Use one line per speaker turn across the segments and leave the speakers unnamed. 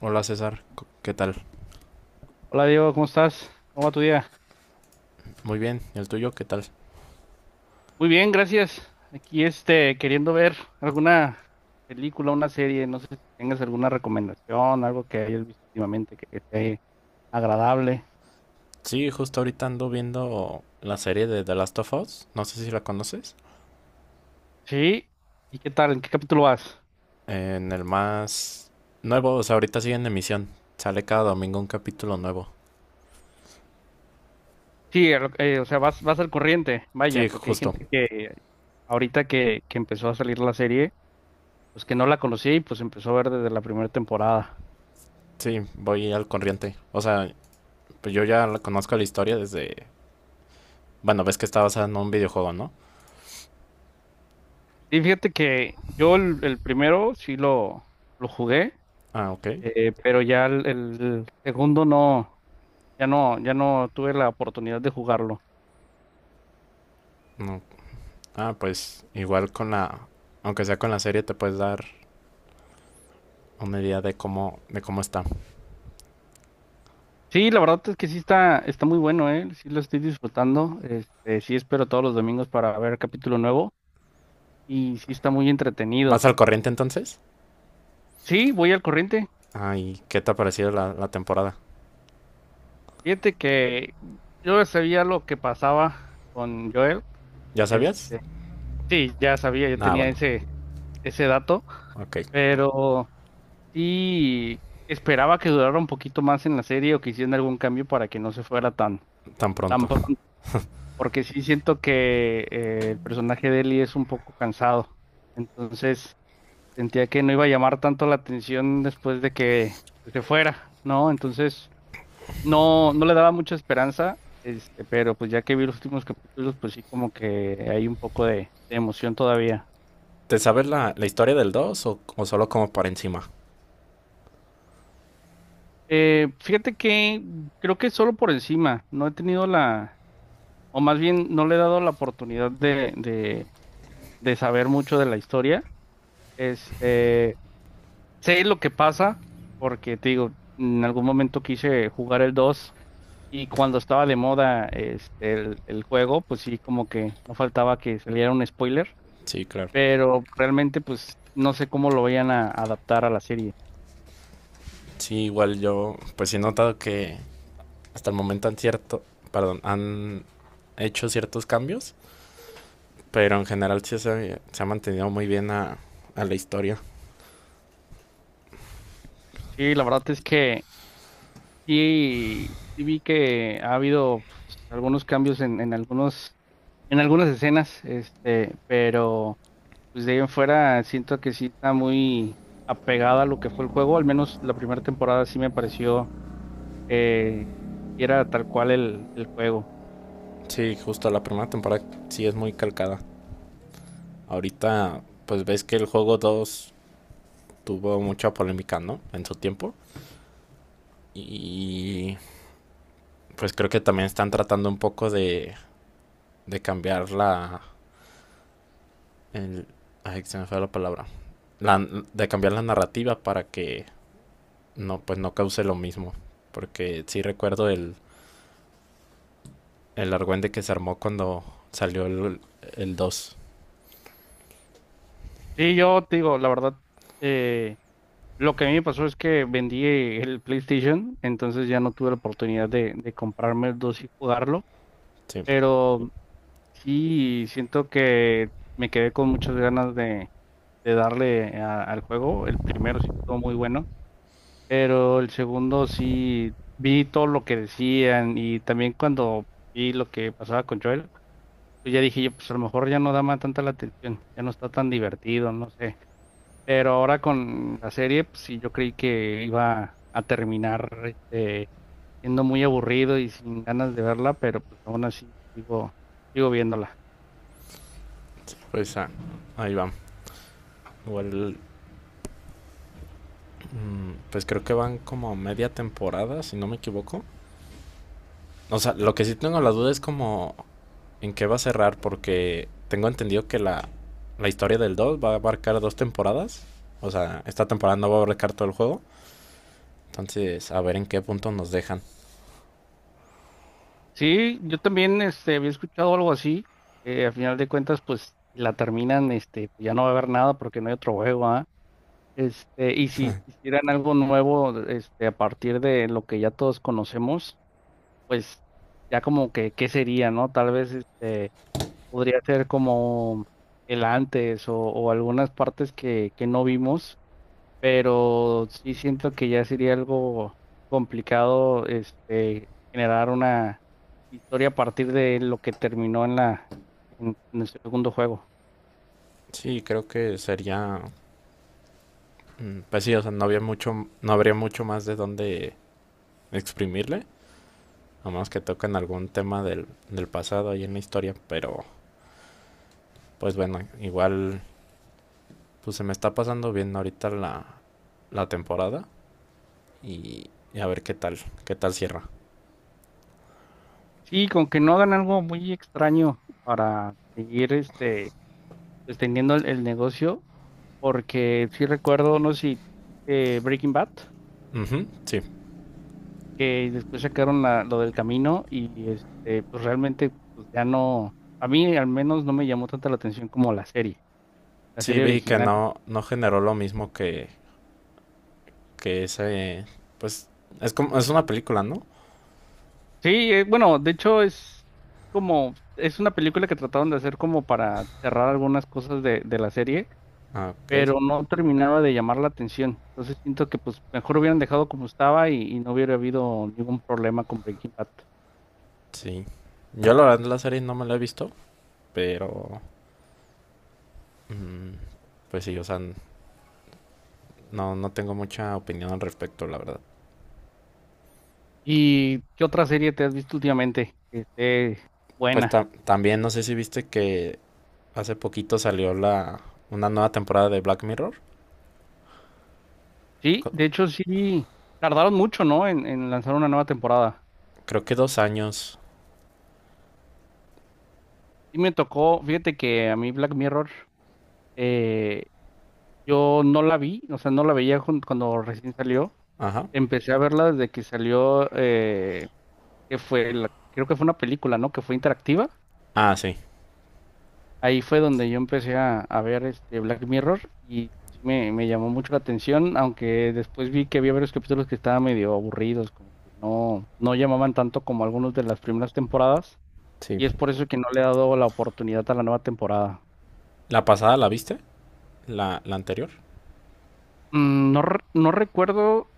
Hola César, ¿qué tal?
Hola Diego, ¿cómo estás? ¿Cómo va tu día?
Muy bien, ¿y el tuyo qué tal?
Muy bien, gracias. Aquí queriendo ver alguna película, una serie, no sé si tengas alguna recomendación, algo que hayas visto últimamente que esté agradable.
Sí, justo ahorita ando viendo la serie de The Last of Us, no sé si la conoces,
Sí, ¿y qué tal? ¿En qué capítulo vas?
en el más nuevo, o sea, ahorita sigue en emisión, sale cada domingo un capítulo nuevo.
Sí, o sea, vas al corriente, vaya,
Sí,
porque hay
justo,
gente que ahorita que empezó a salir la serie, pues que no la conocía y pues empezó a ver desde la primera temporada.
sí, voy al corriente, o sea, pues yo conozco la historia desde, bueno, ves que está basada en un videojuego, ¿no?
Y fíjate que yo el primero lo jugué.
Ah, ok,
Pero ya el segundo no, ya no, ya no tuve la oportunidad de jugarlo.
no. Ah, pues igual con la, aunque sea con la serie te puedes dar una idea de cómo está.
Sí, la verdad es que sí está, está muy bueno, ¿eh? Sí lo estoy disfrutando. Sí espero todos los domingos para ver capítulo nuevo y sí está muy
¿Vas
entretenido.
al corriente entonces?
Sí, voy al corriente.
Ay, ¿qué te ha parecido la temporada?
Fíjate que yo ya sabía lo que pasaba con Joel.
¿Ya sabías?
Este, sí, ya sabía, yo
Ah,
tenía
bueno,
ese dato,
ok,
pero sí, esperaba que durara un poquito más en la serie o que hicieran algún cambio para que no se fuera
tan
tan
pronto.
pronto, porque sí siento que el personaje de Ellie es un poco cansado. Entonces sentía que no iba a llamar tanto la atención después de que, pues, se fuera, ¿no? Entonces no le daba mucha esperanza, pero pues ya que vi los últimos capítulos, pues sí, como que hay un poco de emoción todavía.
¿Te sabes la historia del 2 o solo como por encima?
Fíjate que creo que solo por encima, no he tenido la, o más bien no le he dado la oportunidad de saber mucho de la historia. Este, Sé lo que pasa, porque te digo, en algún momento quise jugar el 2 y cuando estaba de moda el juego, pues sí, como que no faltaba que saliera un spoiler,
Sí, claro.
pero realmente pues no sé cómo lo vayan a adaptar a la serie.
Sí, igual yo pues he notado que hasta el momento han hecho ciertos cambios, pero en general sí se ha mantenido muy bien a la historia.
Sí, la verdad es que sí vi que ha habido, pues, algunos cambios en algunos en algunas escenas, pero pues de ahí en fuera siento que sí está muy apegada a lo que fue el juego, al menos la primera temporada sí me pareció, eh, era tal cual el juego.
Sí, justo la primera temporada sí es muy calcada. Ahorita pues ves que el juego 2 tuvo mucha polémica, ¿no? En su tiempo. Y pues creo que también están tratando un poco de cambiar el- ay, se me fue la palabra. La- de cambiar la narrativa para que no, pues no cause lo mismo. Porque sí recuerdo el argüende que se armó cuando salió el dos.
Sí, yo te digo, la verdad, eh, lo que a mí me pasó es que vendí el PlayStation, entonces ya no tuve la oportunidad de comprarme el 2 y jugarlo,
Sí.
pero sí siento que me quedé con muchas ganas de darle al juego, el primero sí estuvo muy bueno. Pero el segundo sí vi todo lo que decían y también cuando vi lo que pasaba con Joel, pues ya dije yo, pues a lo mejor ya no da más tanta la atención, ya no está tan divertido, no sé. Pero ahora con la serie, pues sí, yo creí que iba a terminar siendo muy aburrido y sin ganas de verla, pero pues aún así sigo, sigo viéndola.
Pues ah, ahí va. Igual, pues creo que van como media temporada, si no me equivoco. O sea, lo que sí tengo la duda es como en qué va a cerrar, porque tengo entendido que la historia del 2 va a abarcar dos temporadas. O sea, esta temporada no va a abarcar todo el juego. Entonces, a ver en qué punto nos dejan.
Sí, yo también había escuchado algo así, que a final de cuentas, pues si la terminan, ya no va a haber nada porque no hay otro juego, ¿ah? Y si hicieran algo nuevo, a partir de lo que ya todos conocemos, pues ya como que, ¿qué sería, no? Tal vez, podría ser como el antes o algunas partes que no vimos, pero sí siento que ya sería algo complicado, generar una historia a partir de lo que terminó en la, en el segundo juego.
Sí, creo que sería... Pues sí, o sea, no habría mucho más de dónde exprimirle. A menos que toquen algún tema del, del pasado ahí en la historia. Pero, pues bueno, igual, pues se me está pasando bien ahorita la, la temporada. Y, y a ver qué tal cierra.
Sí, con que no hagan algo muy extraño para seguir, pues, teniendo el negocio, porque sí recuerdo, no sé si viste Breaking Bad,
Ujú, sí,
que después sacaron lo del camino y pues realmente pues ya no, a mí al menos no me llamó tanta la atención como la
sí
serie
vi que
original.
no, no generó lo mismo que ese, pues es como, es una película, ¿no?
Sí, bueno, de hecho es como, es una película que trataron de hacer como para cerrar algunas cosas de la serie,
Ah, ok,
pero no terminaba de llamar la atención. Entonces siento que pues mejor hubieran dejado como estaba y no hubiera habido ningún problema con Breaking Bad.
sí. Yo la verdad la serie no me la he visto, pero mm, pues sí, o sea, no, no tengo mucha opinión al respecto, la verdad.
¿Y qué otra serie te has visto últimamente que esté
Pues
buena?
también no sé si viste que hace poquito salió la una nueva temporada de Black Mirror.
Sí,
Co-
de hecho sí, tardaron mucho, ¿no? En lanzar una nueva temporada.
Creo que dos años.
Sí me tocó, fíjate que a mí Black Mirror, eh, yo no la vi, o sea, no la cuando recién salió.
Ajá.
Empecé a verla desde que salió, que fue, creo que fue una película, ¿no? Que fue interactiva.
Ah, sí.
Ahí fue donde yo empecé a ver este Black Mirror y sí me llamó mucho la atención, aunque después vi que había varios capítulos que estaban medio aburridos, como que no llamaban tanto como algunos de las primeras temporadas,
Sí.
y es por eso que no le he dado la oportunidad a la nueva temporada.
¿La pasada la viste? ¿La anterior?
Mm, no, no recuerdo,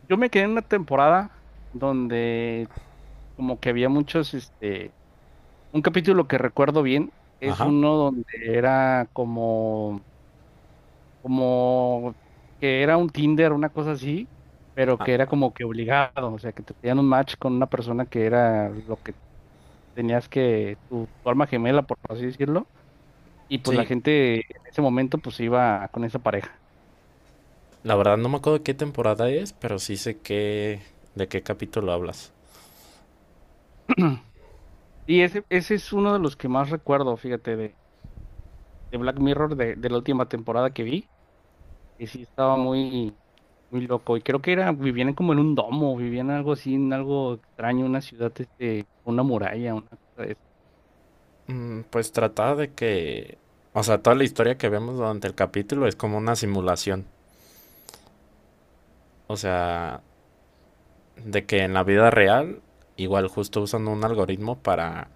yo me quedé en una temporada donde como que había muchos, un capítulo que recuerdo bien, es
Ajá.
uno donde era como que era un Tinder, una cosa así, pero
Ah,
que era como que obligado, o sea, que te pedían un match con una persona que era lo que tenías tu alma gemela, por así decirlo, y pues la
sí.
gente en ese momento pues iba con esa pareja.
La verdad no me acuerdo de qué temporada es, pero sí sé de qué capítulo hablas.
Y ese es uno de los que más recuerdo, fíjate, de Black Mirror, de la última temporada que vi, que sí estaba muy, muy loco, y creo que era, vivían como en un domo, vivían algo así, en algo extraño, una ciudad, con una muralla, una cosa de esas.
Mm, pues trataba de que... O sea, toda la historia que vemos durante el capítulo es como una simulación. O sea, de que en la vida real, igual justo usan un algoritmo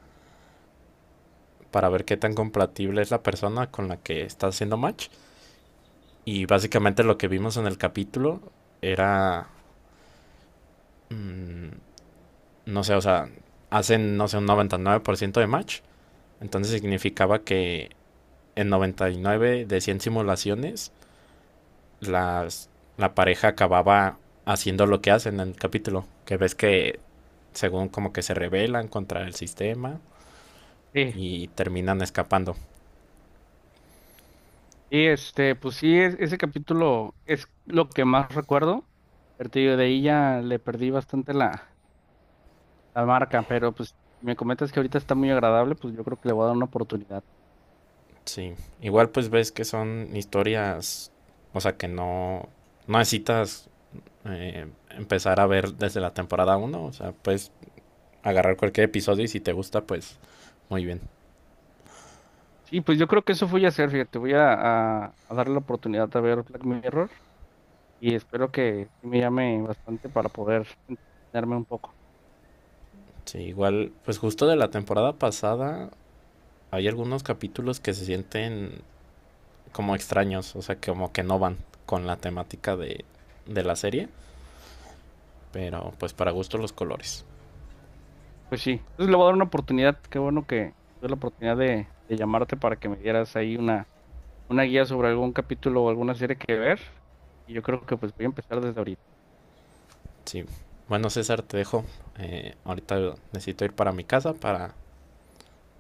para ver qué tan compatible es la persona con la que está haciendo match. Y básicamente lo que vimos en el capítulo era... mm, no sé, o sea, hacen, no sé, un 99% de match. Entonces significaba que en 99 de 100 simulaciones, las, la pareja acababa haciendo lo que hacen en el capítulo. Que ves que, según como que se rebelan contra el sistema
Sí.
y terminan escapando.
Y pues sí, ese capítulo es lo que más recuerdo. Pero te digo, de ahí ya le perdí bastante la marca, pero pues me comentas que ahorita está muy agradable, pues yo creo que le voy a dar una oportunidad.
Sí, igual pues ves que son historias, o sea, que no, no necesitas empezar a ver desde la temporada uno. O sea, pues agarrar cualquier episodio y si te gusta, pues muy bien.
Sí, pues yo creo que eso voy a hacer, fíjate, voy a darle la oportunidad a ver Black Mirror y espero que sí me llame bastante para poder entenderme un poco.
Sí, igual, pues justo de la temporada pasada hay algunos capítulos que se sienten como extraños, o sea, como que no van con la temática de la serie, pero pues para gusto los colores.
Pues sí, entonces le voy a dar una oportunidad, qué bueno que tuve la oportunidad de llamarte para que me dieras ahí una guía sobre algún capítulo o alguna serie que ver. Y yo creo que pues voy a empezar desde ahorita.
Sí, bueno César, te dejo. Ahorita necesito ir para mi casa para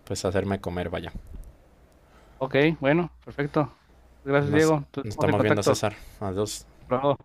pues hacerme comer, vaya.
Ok, bueno, perfecto. Gracias,
Nos,
Diego. Entonces
nos
estamos en
estamos viendo
contacto.
César. Adiós.
Bravo.